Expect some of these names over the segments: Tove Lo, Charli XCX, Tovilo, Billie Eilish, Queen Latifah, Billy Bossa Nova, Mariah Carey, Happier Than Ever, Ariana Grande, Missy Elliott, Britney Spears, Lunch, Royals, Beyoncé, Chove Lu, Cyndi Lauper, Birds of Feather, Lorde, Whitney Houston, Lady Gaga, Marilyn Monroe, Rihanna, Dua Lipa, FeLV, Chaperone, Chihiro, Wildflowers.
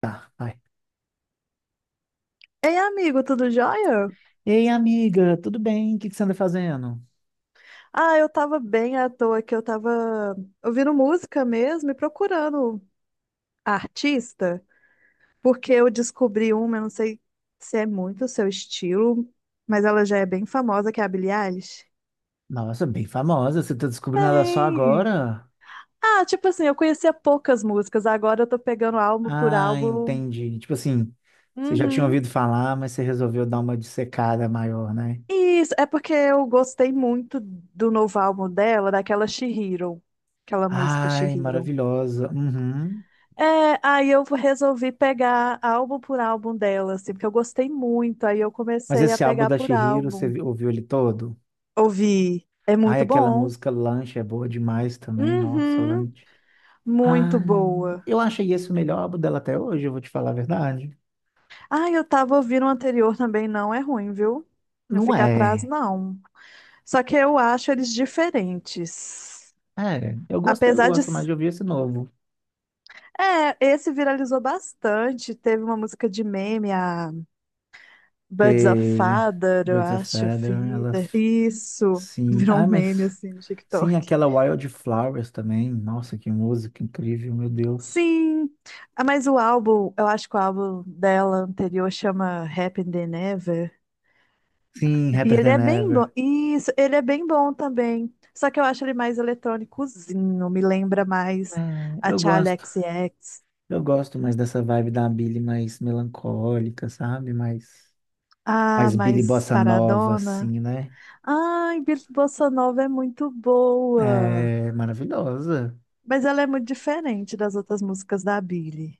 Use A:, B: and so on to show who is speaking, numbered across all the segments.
A: Tá, vai.
B: Ei, amigo, tudo jóia?
A: Ei, amiga, tudo bem? O que que você anda fazendo?
B: Ah, eu tava bem à toa que eu tava ouvindo música mesmo e procurando artista, porque eu descobri uma, eu não sei se é muito o seu estilo, mas ela já é bem famosa, que é a Billie Eilish.
A: Nossa, bem famosa, você tá descobrindo ela só
B: Bem,
A: agora?
B: tipo assim, eu conhecia poucas músicas, agora eu tô pegando álbum por
A: Ah,
B: álbum.
A: entendi. Tipo assim, você já tinha
B: Uhum.
A: ouvido falar, mas você resolveu dar uma dissecada maior, né?
B: Isso, é porque eu gostei muito do novo álbum dela, daquela She Hero, aquela música She
A: Ai,
B: Hero.
A: maravilhosa. Uhum.
B: É, aí eu resolvi pegar álbum por álbum dela, assim, porque eu gostei muito. Aí eu
A: Mas
B: comecei a
A: esse álbum
B: pegar
A: da
B: por
A: Chihiro,
B: álbum.
A: ouviu ele todo?
B: Ouvi. É
A: Ai,
B: muito
A: aquela
B: bom.
A: música Lunch é boa demais também. Nossa,
B: Uhum,
A: Lunch.
B: muito
A: Ai,
B: boa.
A: eu achei esse o melhor álbum dela até hoje, eu vou te falar a verdade.
B: Ah, eu tava ouvindo o anterior também, não é ruim, viu? Não
A: Não
B: fica atrás,
A: é.
B: não. Só que eu acho eles diferentes.
A: É, eu
B: Apesar de.
A: gosto mais de ouvir esse novo.
B: É, esse viralizou bastante. Teve uma música de meme, Birds of
A: Teve
B: Feather, eu
A: Birds of
B: acho,
A: Feather,
B: Feather. Isso,
A: sim.
B: virou um
A: Ah,
B: meme
A: mas
B: assim no
A: sim,
B: TikTok.
A: aquela Wildflowers também. Nossa, que música incrível, meu Deus.
B: Sim, ah, mas o álbum, eu acho que o álbum dela anterior chama Happy Than Ever.
A: Sim,
B: E
A: Happier
B: ele
A: Than
B: é bem bom.
A: Ever.
B: Isso, ele é bem bom também. Só que eu acho ele mais eletrônicozinho, me lembra
A: É,
B: mais a
A: eu
B: Charli
A: gosto.
B: XCX.
A: Eu gosto mais dessa vibe da Billy mais melancólica, sabe?
B: Ah,
A: Mais Billy
B: mais
A: Bossa Nova,
B: paradona.
A: assim, né?
B: Ai, Bossa Nova é muito boa.
A: É maravilhosa.
B: Mas ela é muito diferente das outras músicas da Billie.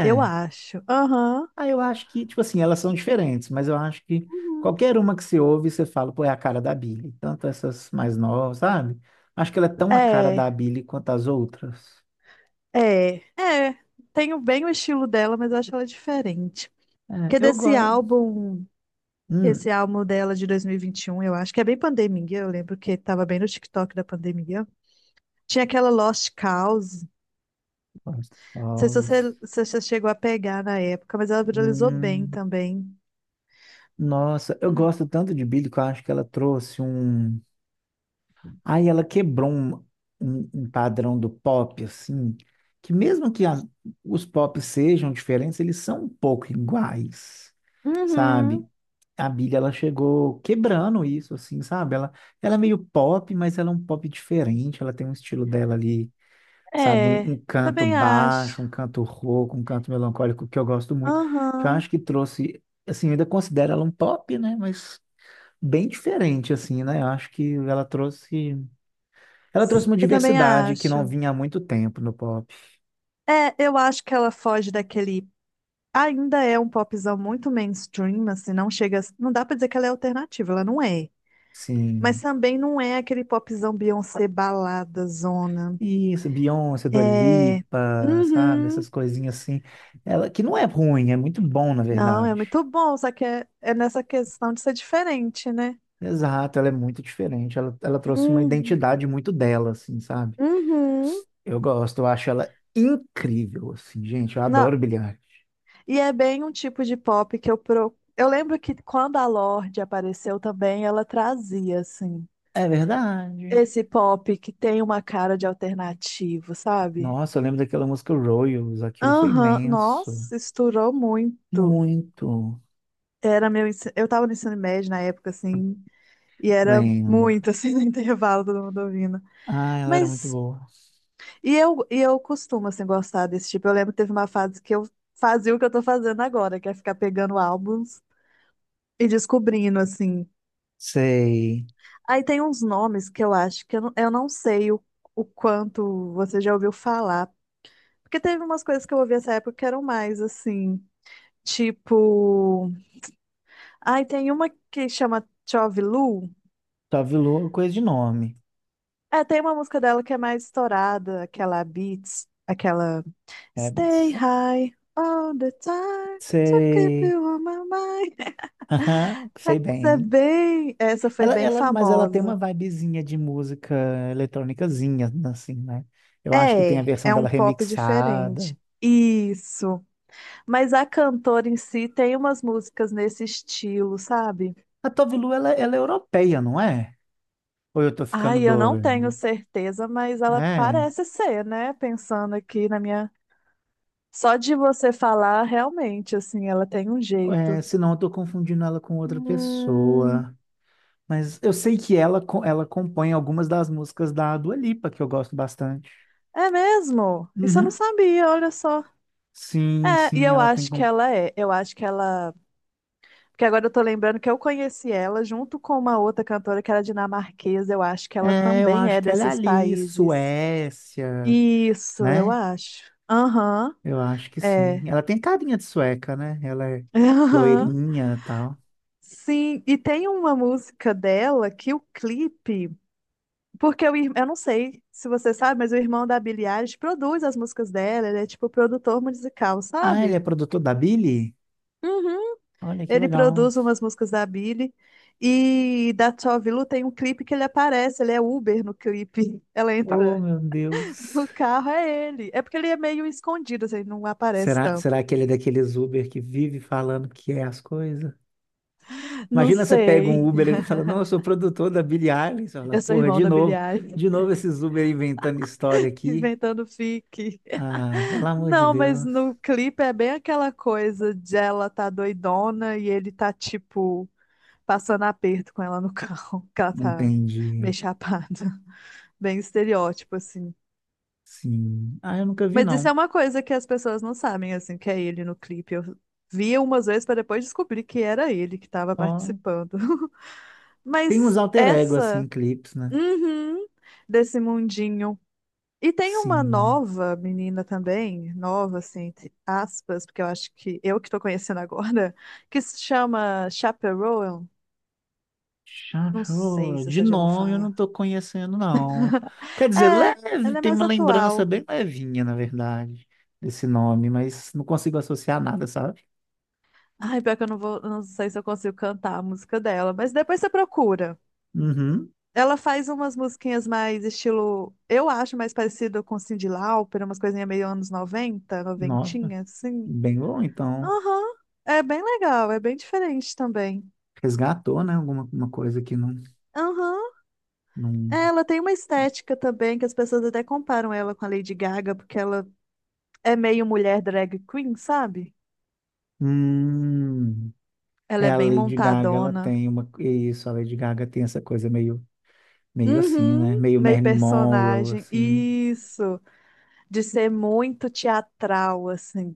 B: Eu acho. Aham.
A: ah, eu acho que, tipo assim, elas são diferentes, mas eu acho que
B: Uhum.
A: qualquer uma que você ouve, você fala, pô, é a cara da Billie. Tanto essas mais novas, sabe? Acho que ela é tão a cara
B: É,
A: da Billie quanto as outras.
B: é, é. Tenho bem o estilo dela, mas eu acho ela diferente.
A: É,
B: Porque
A: eu
B: desse
A: gosto.
B: álbum,
A: Hum,
B: esse álbum dela de dois mil e vinte e um, eu acho que é bem pandemia. Eu lembro que tava bem no TikTok da pandemia. Tinha aquela Lost Cause. Não
A: gosto.
B: sei se
A: Cause.
B: você, se você chegou a pegar na época, mas ela viralizou bem
A: Hum,
B: também.
A: nossa, eu gosto tanto de Billie que eu acho que ela trouxe um. Aí ela quebrou um padrão do pop, assim, que mesmo que os pop sejam diferentes, eles são um pouco iguais,
B: Uhum.
A: sabe? A Billie, ela chegou quebrando isso, assim, sabe? Ela é meio pop, mas ela é um pop diferente, ela tem um estilo dela ali, sabe? Um,
B: É,
A: um canto
B: também acho.
A: baixo, um canto rouco, um canto melancólico, que eu gosto muito, que eu
B: Aham.
A: acho que trouxe, assim, eu ainda considero ela um pop, né? Mas bem diferente, assim, né? Eu acho que ela trouxe. Ela trouxe uma
B: Eu também
A: diversidade que não
B: acho.
A: vinha há muito tempo no pop.
B: É, eu acho que ela foge daquele. Ainda é um popzão muito mainstream, assim, não chega, a- não dá pra dizer que ela é alternativa, ela não é. Mas
A: Sim.
B: também não é aquele popzão Beyoncé balada zona.
A: Isso, Beyoncé, Dua
B: É,
A: Lipa, sabe?
B: uhum.
A: Essas coisinhas assim. Ela, que não é ruim, é muito bom, na
B: Não, é
A: verdade.
B: muito bom, só que é, é nessa questão de ser diferente, né?
A: Exato, ela é muito diferente. Ela trouxe uma
B: Uhum.
A: identidade muito dela, assim, sabe?
B: Uhum.
A: Eu gosto, eu acho ela incrível, assim, gente. Eu
B: Não,
A: adoro Billie Eilish.
B: e é bem um tipo de pop que Eu lembro que quando a Lorde apareceu também, ela trazia assim
A: É verdade.
B: esse pop que tem uma cara de alternativo, sabe?
A: Nossa, eu lembro daquela música Royals, aquilo foi
B: Aham,
A: imenso.
B: nossa, estourou muito.
A: Muito.
B: Era eu tava no ensino médio na época, assim, e era
A: Lembro.
B: muito, assim, no intervalo, todo mundo ouvindo.
A: Ah, ela era muito
B: Mas,
A: boa.
B: e eu costumo, assim, gostar desse tipo. Eu lembro que teve uma fase que eu fazia o que eu tô fazendo agora, que é ficar pegando álbuns e descobrindo, assim.
A: Sei.
B: Aí tem uns nomes que eu acho que eu não sei o quanto você já ouviu falar. Porque teve umas coisas que eu ouvi nessa época que eram mais, assim, tipo. Ai, tem uma que chama Chove Lu.
A: Tovilo é coisa de nome.
B: É, tem uma música dela que é mais estourada, aquela Beats, aquela
A: É,
B: Stay
A: mas
B: High all the time to keep
A: sei.
B: you on my mind.
A: Aham, sei
B: Essa é
A: bem.
B: bem, essa foi bem
A: Mas ela tem uma
B: famosa.
A: vibezinha de música eletrônicazinha, assim, né? Eu acho que tem a
B: É,
A: versão
B: é um
A: dela
B: pop diferente.
A: remixada.
B: Isso. Mas a cantora em si tem umas músicas nesse estilo, sabe?
A: A Tovilu, ela é europeia, não é? Ou eu tô ficando
B: Ai, eu não tenho
A: doido?
B: certeza, mas ela
A: É,
B: parece ser, né? Pensando aqui na minha. Só de você falar, realmente, assim, ela tem um
A: é,
B: jeito.
A: senão eu tô confundindo ela com outra
B: Hum,
A: pessoa. Mas eu sei que ela compõe algumas das músicas da Dua Lipa, que eu gosto bastante.
B: é mesmo? Isso eu não
A: Uhum.
B: sabia, olha só.
A: Sim,
B: É, e
A: sim,
B: eu
A: ela tem.
B: acho que ela é. Eu acho que ela. Porque agora eu tô lembrando que eu conheci ela junto com uma outra cantora que era dinamarquesa. Eu acho que ela
A: É, eu
B: também
A: acho
B: é
A: que ela é
B: desses
A: ali,
B: países.
A: Suécia,
B: Isso, eu
A: né?
B: acho. Aham,
A: Eu acho que sim.
B: é.
A: Ela tem carinha de sueca, né? Ela é
B: Aham.
A: loirinha e tal.
B: Sim, e tem uma música dela que o clipe. Porque eu não sei se você sabe, mas o irmão da Billie Eilish produz as músicas dela, ele é tipo produtor musical,
A: Ah, ele
B: sabe?
A: é produtor da Billy?
B: Uhum.
A: Olha que
B: Ele
A: legal.
B: produz umas músicas da Billie e da Tove Lo tem um clipe que ele aparece, ele é Uber no clipe. Ela
A: Oh,
B: entra
A: meu Deus.
B: no carro, é ele. É porque ele é meio escondido, assim, não aparece
A: Será,
B: tanto.
A: será que ele é daqueles Uber que vive falando que é as coisas?
B: Não
A: Imagina você pega um
B: sei.
A: Uber, ele fala, não, eu sou produtor da Billie Eilish. Você fala,
B: Eu sou
A: porra,
B: irmão
A: de
B: da Billie
A: novo,
B: Eilish.
A: de novo esses Uber inventando história aqui.
B: Inventando fique.
A: Ah, pelo amor de
B: Não, mas
A: Deus.
B: no clipe é bem aquela coisa de ela tá doidona e ele tá tipo passando aperto com ela no carro, que ela tá meio
A: Entendi.
B: chapada. Bem estereótipo, assim.
A: Sim. Ah, eu nunca vi,
B: Mas isso é
A: não.
B: uma coisa que as pessoas não sabem, assim, que é ele no clipe. Eu via umas vezes para depois descobrir que era ele que estava
A: Ó,
B: participando.
A: tem uns
B: Mas
A: alter ego, assim,
B: essa,
A: em clipes, né?
B: uhum, desse mundinho. E tem uma
A: Sim.
B: nova menina também, nova, assim, entre aspas, porque eu acho que eu que tô conhecendo agora, que se chama Chaperone. Não sei
A: Chacho,
B: se
A: de
B: você já ouviu
A: nome eu não
B: falar.
A: tô conhecendo, não. Quer
B: É,
A: dizer, leve,
B: ela é
A: tem
B: mais
A: uma lembrança
B: atual.
A: bem levinha, na verdade, desse nome, mas não consigo associar nada, sabe?
B: Ai, pior que eu não sei se eu consigo cantar a música dela, mas depois você procura.
A: Uhum.
B: Ela faz umas musiquinhas mais estilo, eu acho mais parecido com Cyndi Lauper, umas coisinhas meio anos 90,
A: Nossa,
B: noventinha, assim.
A: bem bom, então.
B: Aham. É bem legal, é bem diferente também.
A: Resgatou, né? Alguma uma coisa que não,
B: Aham. É,
A: não...
B: ela tem uma estética também que as pessoas até comparam ela com a Lady Gaga, porque ela é meio mulher drag queen, sabe?
A: Hum.
B: Ela
A: É,
B: é
A: a
B: bem
A: Lady Gaga, ela
B: montadona.
A: tem uma... Isso, a Lady Gaga tem essa coisa meio meio assim, né?
B: Uhum,
A: Meio
B: meio
A: Marilyn Monroe,
B: personagem.
A: assim.
B: Isso, de ser muito teatral, assim.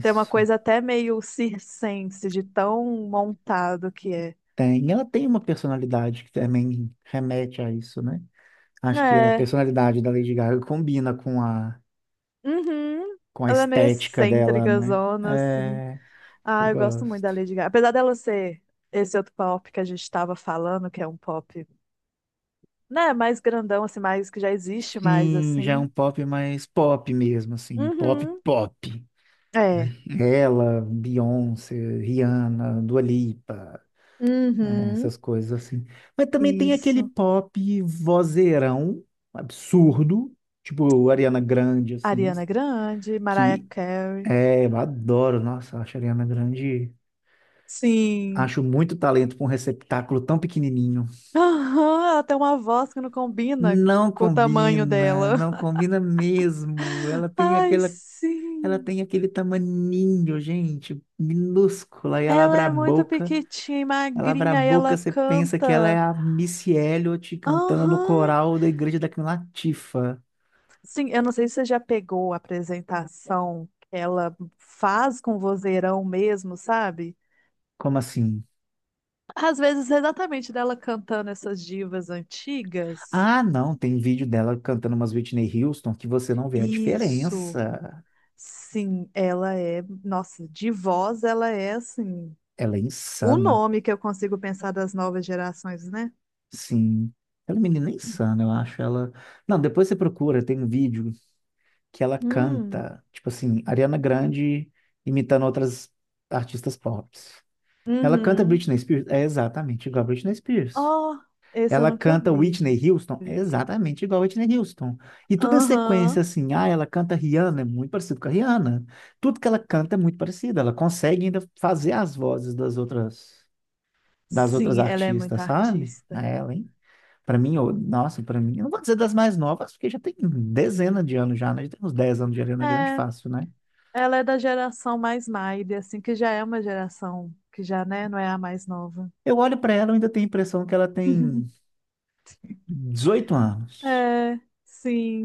B: Tem uma coisa até meio circense, de tão montado que é.
A: Tem. Ela tem uma personalidade que também remete a isso, né? Acho que a
B: É,
A: personalidade da Lady Gaga combina com
B: uhum.
A: com a
B: Ela é meio
A: estética dela,
B: excêntrica,
A: né?
B: zona, assim.
A: É, eu
B: Ah, eu gosto muito da
A: gosto.
B: Lady Gaga. Apesar dela ser esse outro pop que a gente estava falando, que é um pop, né, mais grandão, assim, mais que já existe mais,
A: Sim, já é
B: assim.
A: um pop mais pop mesmo, assim. Um pop,
B: Uhum.
A: pop.
B: É.
A: Ela, Beyoncé, Rihanna, Dua Lipa. Né,
B: Uhum.
A: essas coisas assim. Mas também tem aquele
B: Isso.
A: pop vozeirão absurdo, tipo Ariana Grande, assim,
B: Ariana Grande, Mariah
A: que
B: Carey.
A: é, eu adoro, nossa, acho a Ariana Grande,
B: Sim.
A: acho muito talento para um receptáculo tão pequenininho.
B: Aham, ela tem uma voz que não combina com o tamanho dela.
A: Não combina mesmo.
B: Ai,
A: Ela
B: sim.
A: tem aquele tamaninho, gente, minúscula, e ela
B: Ela
A: abre a
B: é muito
A: boca
B: pequitinha e
A: Ela abre a
B: magrinha e
A: boca,
B: ela
A: você pensa que ela é
B: canta.
A: a Missy Elliott cantando no
B: Aham.
A: coral da igreja da Queen Latifah.
B: Sim, eu não sei se você já pegou a apresentação que ela faz com vozeirão mesmo, sabe?
A: Como assim?
B: Às vezes, exatamente dela cantando essas divas antigas.
A: Ah, não, tem vídeo dela cantando umas Whitney Houston que você não vê a
B: Isso.
A: diferença.
B: Sim, ela é, nossa, de voz ela é assim,
A: Ela é
B: o
A: insana,
B: nome que eu consigo pensar das novas gerações, né?
A: sim. Ela é uma menina insana, eu acho. Ela. Não, depois você procura, tem um vídeo que ela
B: Hum,
A: canta, tipo assim, Ariana Grande imitando outras artistas pop. Ela canta
B: uhum.
A: Britney Spears, é exatamente igual a Britney Spears.
B: Oh, esse eu
A: Ela
B: nunca
A: canta
B: vi.
A: Whitney Houston, é
B: Bonitinho.
A: exatamente igual a Whitney Houston. E tudo em sequência,
B: Aham.
A: assim, ah, ela canta Rihanna, é muito parecido com a Rihanna. Tudo que ela canta é muito parecido, ela consegue ainda fazer as vozes das outras
B: Sim, ela é muito
A: artistas, sabe? A
B: artista.
A: ela, hein? Nossa, pra mim, eu não vou dizer das mais novas, porque já tem dezena de anos já, né? Já tem uns 10 anos de Ariana Grande
B: É,
A: fácil, né?
B: ela é da geração mais Maide, assim, que já é uma geração que já, né, não é a mais nova.
A: Eu olho pra ela, eu ainda tenho a impressão que ela tem 18 anos.
B: É,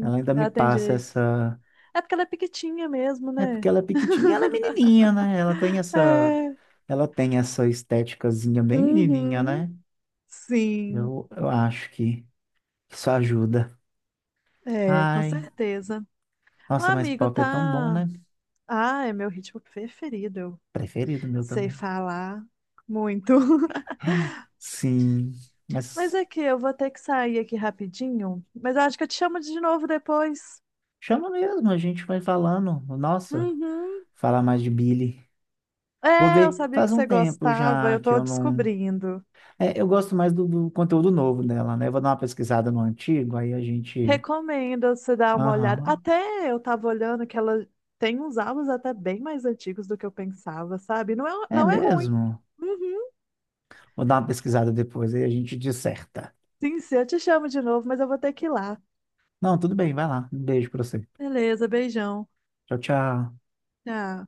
A: Ela ainda me
B: ela tem
A: passa
B: jeito.
A: essa.
B: É porque ela é piquitinha mesmo,
A: É porque
B: né?
A: ela é pequitinha, ela é menininha, né?
B: É,
A: Ela tem essa esteticazinha bem menininha,
B: uhum.
A: né?
B: Sim.
A: Eu acho que isso ajuda.
B: É, com
A: Ai,
B: certeza. O
A: nossa, mas
B: amigo
A: pop é tão bom,
B: tá.
A: né?
B: Ah, é meu ritmo preferido. Eu
A: Preferido meu
B: sei
A: também.
B: falar muito.
A: Sim,
B: Mas
A: mas
B: é que eu vou ter que sair aqui rapidinho. Mas eu acho que eu te chamo de novo depois.
A: chama mesmo, a gente vai falando. Nossa,
B: Uhum.
A: falar mais de Billy. Vou
B: É, eu
A: ver,
B: sabia que
A: faz um
B: você
A: tempo
B: gostava.
A: já
B: Eu
A: que
B: tô
A: eu não.
B: descobrindo.
A: É, eu gosto mais do conteúdo novo dela, né? Eu vou dar uma pesquisada no antigo, aí a gente.
B: Recomendo você dar uma olhada.
A: Aham.
B: Até eu tava olhando que ela tem uns álbuns até bem mais antigos do que eu pensava, sabe? Não é,
A: É
B: não é ruim.
A: mesmo?
B: Uhum.
A: Vou dar uma pesquisada depois e a gente disserta.
B: Sim, sim, eu te chamo de novo, mas eu vou ter que ir lá.
A: Não, tudo bem, vai lá. Um beijo pra você.
B: Beleza, beijão.
A: Tchau, tchau.
B: Tchau.